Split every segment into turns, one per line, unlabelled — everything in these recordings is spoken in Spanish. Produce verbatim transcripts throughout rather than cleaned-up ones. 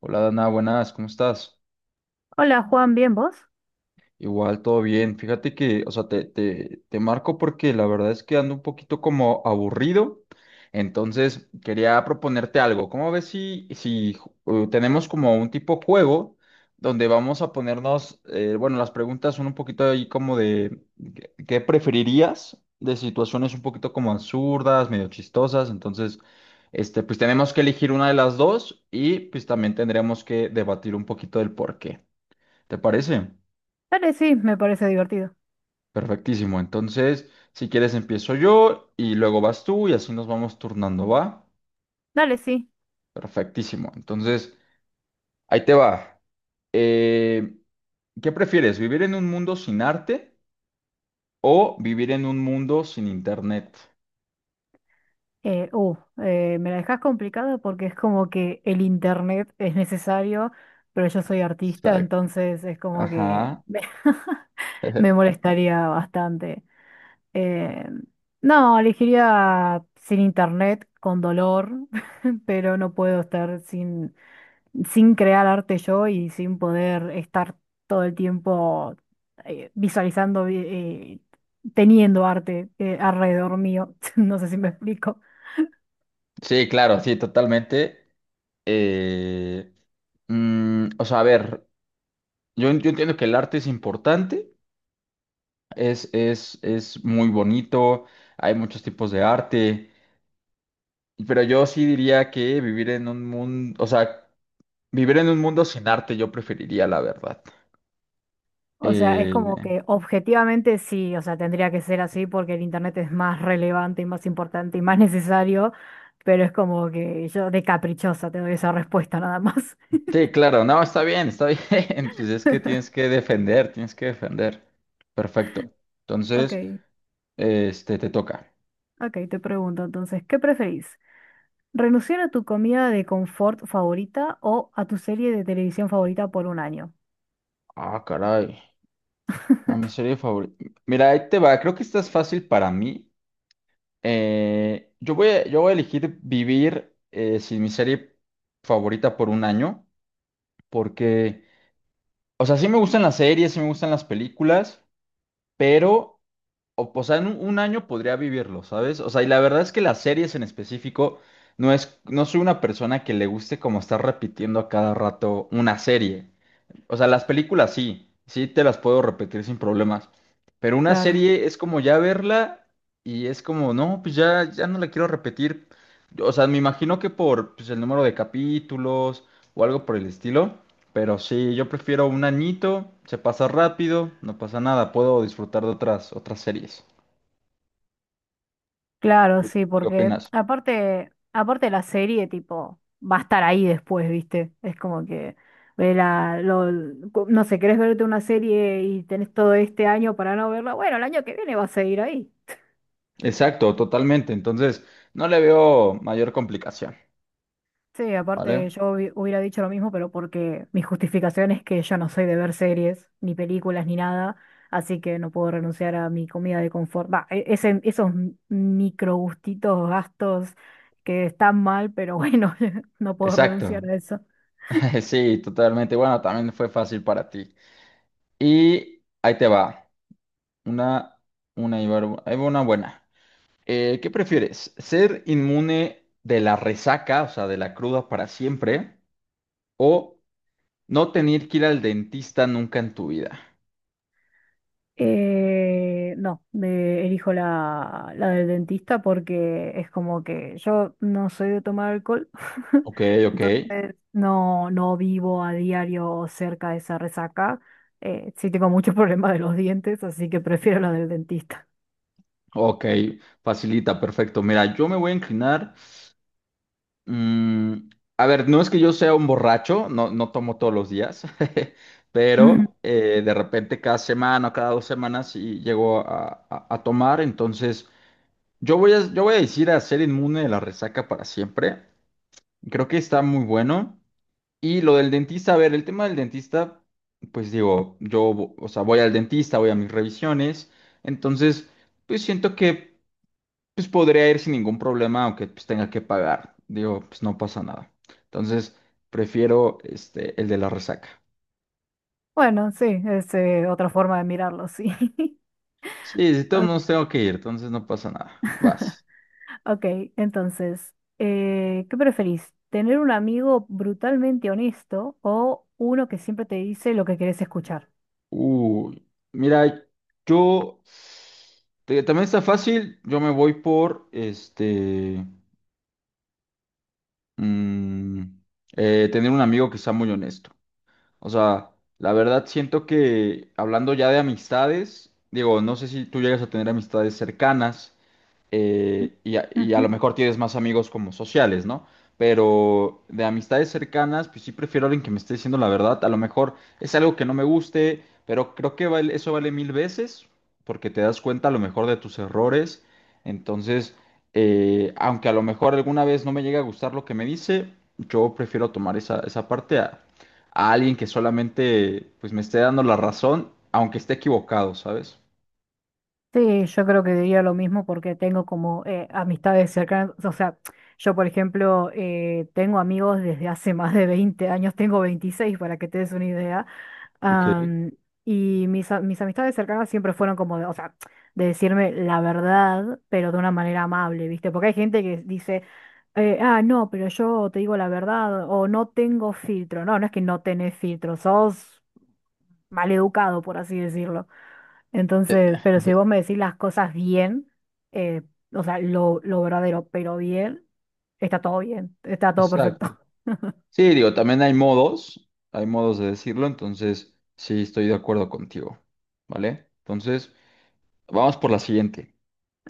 Hola Dana, buenas, ¿cómo estás?
Hola Juan, ¿bien vos?
Igual, todo bien. Fíjate que, o sea, te, te, te marco porque la verdad es que ando un poquito como aburrido. Entonces, quería proponerte algo. ¿Cómo ves si, si eh, tenemos como un tipo juego donde vamos a ponernos, eh, bueno, las preguntas son un poquito ahí como de ¿qué qué preferirías? De situaciones un poquito como absurdas, medio chistosas. Entonces, este, pues tenemos que elegir una de las dos y pues también tendremos que debatir un poquito del por qué. ¿Te parece?
Dale, sí, me parece divertido.
Perfectísimo. Entonces, si quieres, empiezo yo y luego vas tú y así nos vamos turnando, ¿va?
Dale, sí.
Perfectísimo. Entonces, ahí te va. Eh, ¿qué prefieres? ¿Vivir en un mundo sin arte o vivir en un mundo sin internet?
Eh, uh, eh, me la dejás complicada porque es como que el internet es necesario, pero yo soy artista,
Exacto.
entonces es como que
Ajá.
me, me molestaría bastante. Eh, no, elegiría sin internet, con dolor, pero no puedo estar sin, sin crear arte yo y sin poder estar todo el tiempo eh, visualizando, vi- eh, teniendo arte eh, alrededor mío. No sé si me explico.
Sí, claro, sí, totalmente. Eh, mm, o sea, a ver, yo, yo entiendo que el arte es importante, es, es, es muy bonito, hay muchos tipos de arte, pero yo sí diría que vivir en un mundo, o sea, vivir en un mundo sin arte yo preferiría, la verdad.
O sea, es como
Eh,
que objetivamente sí, o sea, tendría que ser así porque el internet es más relevante y más importante y más necesario, pero es como que yo de caprichosa te doy esa respuesta nada más.
sí, claro, no, está bien, está bien. Pues es que tienes que defender, tienes que defender. Perfecto.
Ok,
Entonces, este, te toca.
ok, te pregunto entonces, ¿qué preferís? Renunciar a tu comida de confort favorita o a tu serie de televisión favorita por un año.
Ah, caray. A mi serie favorita. Mira, ahí te va. Creo que esta es fácil para mí. Eh, yo voy a, yo voy a elegir vivir eh, sin mi serie favorita por un año, porque, o sea, sí me gustan las series, sí me gustan las películas, pero, o, o sea, en un, un año podría vivirlo, ¿sabes? O sea, y la verdad es que las series en específico, no es, no soy una persona que le guste como estar repitiendo a cada rato una serie. O sea, las películas sí, sí te las puedo repetir sin problemas. Pero una
Claro,
serie es como ya verla y es como, no, pues ya, ya no la quiero repetir. O sea, me imagino que por pues, el número de capítulos o algo por el estilo. Pero sí, yo prefiero un añito, se pasa rápido, no pasa nada, puedo disfrutar de otras, otras series.
claro,
¿Tú
sí,
tú qué
porque
opinas?
aparte, aparte la serie, tipo, va a estar ahí después, ¿viste? Es como que, ve la- lo- no sé, querés verte una serie y tenés todo este año para no verla. Bueno, el año que viene va a seguir ahí.
Exacto, totalmente. Entonces, no le veo mayor complicación,
Sí, aparte
¿vale?
yo hubi- hubiera dicho lo mismo, pero porque mi justificación es que yo no soy de ver series, ni películas, ni nada, así que no puedo renunciar a mi comida de confort. Va, e- ese- esos m- micro gustitos, gastos que están mal, pero bueno, no puedo
Exacto.
renunciar a eso.
Sí, totalmente. Bueno, también fue fácil para ti. Y ahí te va. Una, una, y var- Ahí va una buena. Eh, ¿qué prefieres? ¿Ser inmune de la resaca, o sea, de la cruda para siempre? ¿O no tener que ir al dentista nunca en tu vida?
Eh, no, me elijo la, la del dentista porque es como que yo no soy de tomar alcohol,
Ok, ok,
entonces no, no vivo a diario cerca de esa resaca. Eh, sí tengo muchos problemas de los dientes, así que prefiero la del dentista.
ok, facilita, perfecto. Mira, yo me voy a inclinar. mm, a ver, no es que yo sea un borracho, no, no tomo todos los días,
Mm.
pero eh, de repente cada semana o cada dos semanas sí llego a, a a tomar, entonces... Yo voy a, yo voy a decir a ser inmune de la resaca para siempre. Creo que está muy bueno. Y lo del dentista, a ver, el tema del dentista, pues digo, yo, vo- o sea, voy al dentista, voy a mis revisiones. Entonces, pues siento que pues podría ir sin ningún problema, aunque pues tenga que pagar. Digo, pues no pasa nada. Entonces, prefiero este, el de la resaca.
Bueno, sí, es eh, otra forma de mirarlo, sí.
Sí, si todos
O-
modos tengo que ir, entonces no pasa nada. Vas.
Ok, entonces, eh, ¿qué preferís? ¿Tener un amigo brutalmente honesto o uno que siempre te dice lo que querés escuchar?
Uy, mira, yo te- también está fácil. Yo me voy por este mm, eh, tener un amigo que sea muy honesto. O sea, la verdad siento que hablando ya de amistades, digo, no sé si tú llegas a tener amistades cercanas,
Ujú.
eh, y, a, y a lo mejor tienes más amigos como sociales, ¿no? Pero de amistades cercanas, pues sí prefiero a alguien que me esté diciendo la verdad. A lo mejor es algo que no me guste, pero creo que vale- eso vale mil veces porque te das cuenta a lo mejor de tus errores. Entonces, eh, aunque a lo mejor alguna vez no me llegue a gustar lo que me dice, yo prefiero tomar esa, esa parte a, a alguien que solamente pues me esté dando la razón, aunque esté equivocado, ¿sabes?
Sí, yo creo que diría lo mismo porque tengo como eh, amistades cercanas, o sea, yo por ejemplo eh, tengo amigos desde hace más de veinte años, tengo veintiséis para que te des una idea,
Ok.
am, y mis, a- mis amistades cercanas siempre fueron como, de, o sea, de decirme la verdad, pero de una manera amable, ¿viste? Porque hay gente que dice, eh, ah, no, pero yo te digo la verdad o no tengo filtro, no, no es que no tenés filtro, sos maleducado, por así decirlo. Entonces, pero si vos me decís las cosas bien, eh, o sea, lo, lo verdadero, pero bien, está todo bien, está todo
Exacto.
perfecto.
Sí, digo, también hay modos, hay modos de decirlo, entonces sí estoy de acuerdo contigo, ¿vale? Entonces, vamos por la siguiente.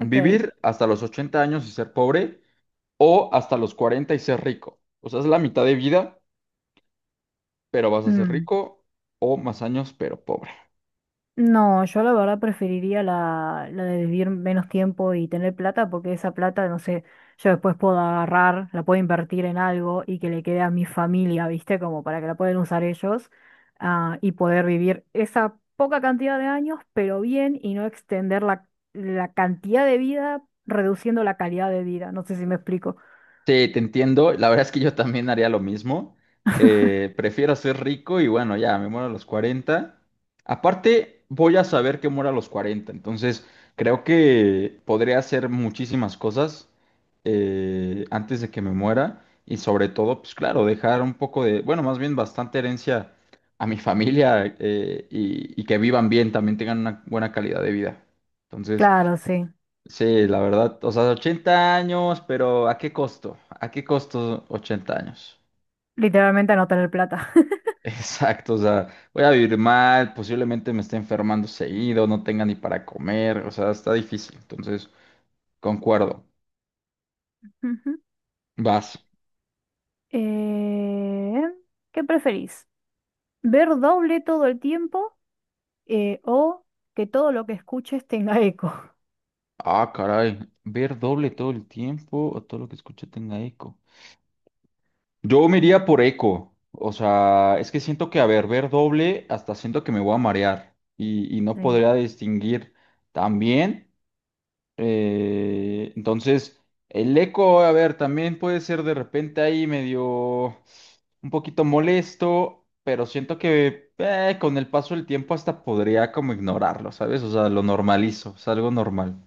Ok.
hasta los ochenta años y ser pobre o hasta los cuarenta y ser rico. O sea, es la mitad de vida, pero vas a ser
Mm.
rico o más años, pero pobre.
No, yo la verdad preferiría la, la de vivir menos tiempo y tener plata, porque esa plata, no sé, yo después puedo agarrar, la puedo invertir en algo y que le quede a mi familia, ¿viste? Como para que la puedan usar ellos, ah, y poder vivir esa poca cantidad de años, pero bien, y no extender la, la cantidad de vida, reduciendo la calidad de vida. No sé si me explico.
Sí, te entiendo. La verdad es que yo también haría lo mismo. Eh, prefiero ser rico y bueno, ya me muero a los cuarenta. Aparte, voy a saber que muero a los cuarenta. Entonces, creo que podría hacer muchísimas cosas eh, antes de que me muera. Y sobre todo, pues claro, dejar un poco de, bueno, más bien bastante herencia a mi familia eh, y, y que vivan bien, también tengan una buena calidad de vida. Entonces,
Claro, sí.
sí, la verdad, o sea, ochenta años, pero ¿a qué costo? ¿A qué costo ochenta años?
Literalmente no tener plata.
Exacto, o sea, voy a vivir mal, posiblemente me esté enfermando seguido, no tenga ni para comer, o sea, está difícil, entonces, concuerdo.
Ujú.
Vas.
Eh, ¿qué preferís? ¿Ver doble todo el tiempo? eh, o que todo lo que escuches tenga eco.
Ah, caray, ver doble todo el tiempo o todo lo que escuche tenga eco. Yo me iría por eco, o sea, es que siento que, a ver, ver doble, hasta siento que me voy a marear y, y no
Sí.
podría distinguir también. Eh, entonces, el eco, a ver, también puede ser de repente ahí medio un poquito molesto, pero siento que eh, con el paso del tiempo hasta podría como ignorarlo, ¿sabes? O sea, lo normalizo, es algo normal.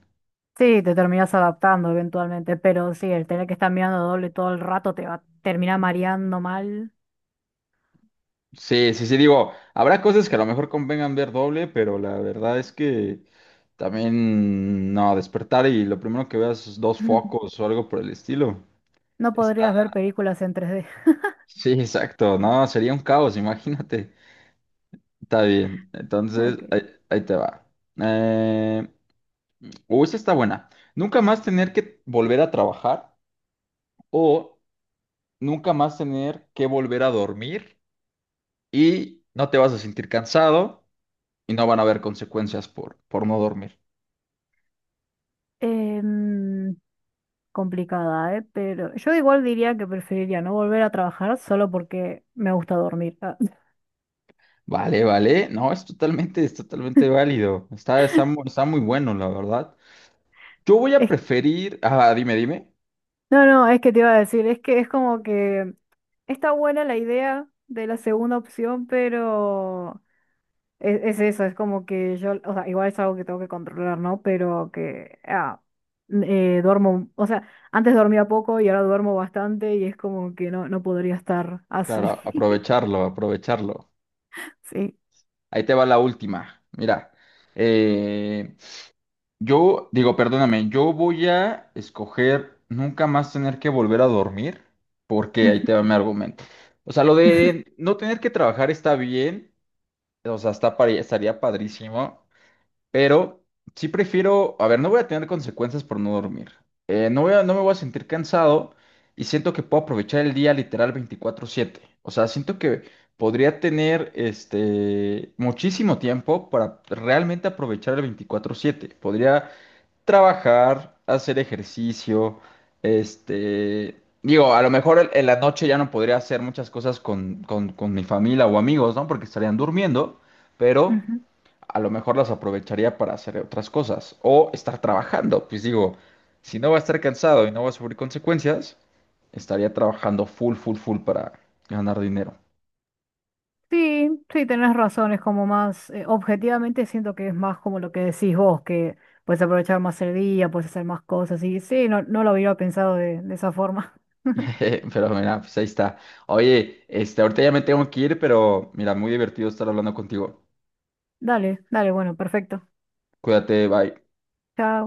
Sí, te terminas adaptando eventualmente, pero sí, el tener que estar mirando doble todo el rato te va a terminar mareando mal.
Sí, sí, sí, digo, habrá cosas que a lo mejor convengan ver doble, pero la verdad es que también, no, despertar y lo primero que veas es dos focos o algo por el estilo.
No
Está...
podrías ver películas en tres d
Sí, exacto, no, sería un caos, imagínate. Está bien, entonces
Ok.
ahí, ahí te va. Eh, o esta está buena. Nunca más tener que volver a trabajar o nunca más tener que volver a dormir y no te vas a sentir cansado y no van a haber consecuencias por, por no dormir.
Em, complicada, ¿eh? Pero yo igual diría que preferiría no volver a trabajar solo porque me gusta dormir. Ah,
Vale, vale. No, es totalmente, es totalmente válido. Está, está, mu- está muy bueno, la verdad. Yo voy a
es-
preferir... Ah, dime, dime.
no, no, es que te iba a decir, es que es como que está buena la idea de la segunda opción, pero Es, es eso, es como que yo, o sea, igual es algo que tengo que controlar, ¿no? Pero que ah, eh, duermo, o sea, antes dormía poco y ahora duermo bastante y es como que no, no podría estar así.
Claro, aprovecharlo, aprovecharlo.
Sí.
Ahí te va la última. Mira. Eh, Yo digo, perdóname, yo voy a escoger nunca más tener que volver a dormir, porque ahí
Ujú,
te va mi argumento. O sea, lo
ujú,
de no tener que trabajar está bien, o sea, está pare- estaría padrísimo, pero sí prefiero, a ver, no voy a tener consecuencias por no dormir. Eh, no voy a- no me voy a sentir cansado y siento que puedo aprovechar el día literal veinticuatro siete. O sea, siento que podría tener este muchísimo tiempo para realmente aprovechar el veinticuatro siete. Podría trabajar, hacer ejercicio, este, digo, a lo mejor en en la noche ya no podría hacer muchas cosas con, con, con mi familia o amigos, ¿no? Porque estarían durmiendo, pero
ujú.
a lo mejor las aprovecharía para hacer otras cosas o estar trabajando, pues digo, si no va a estar cansado y no va a sufrir consecuencias, estaría trabajando full, full, full para ganar dinero.
Sí, sí, tenés razón, es como más, eh, objetivamente siento que es más como lo que decís vos, que puedes aprovechar más el día, puedes hacer más cosas y sí, no, no lo hubiera pensado de, de esa forma.
Pero mira, pues ahí está. Oye, este, ahorita ya me tengo que ir, pero mira, muy divertido estar hablando contigo.
Dale, dale, bueno, perfecto.
Cuídate, bye.
Chao.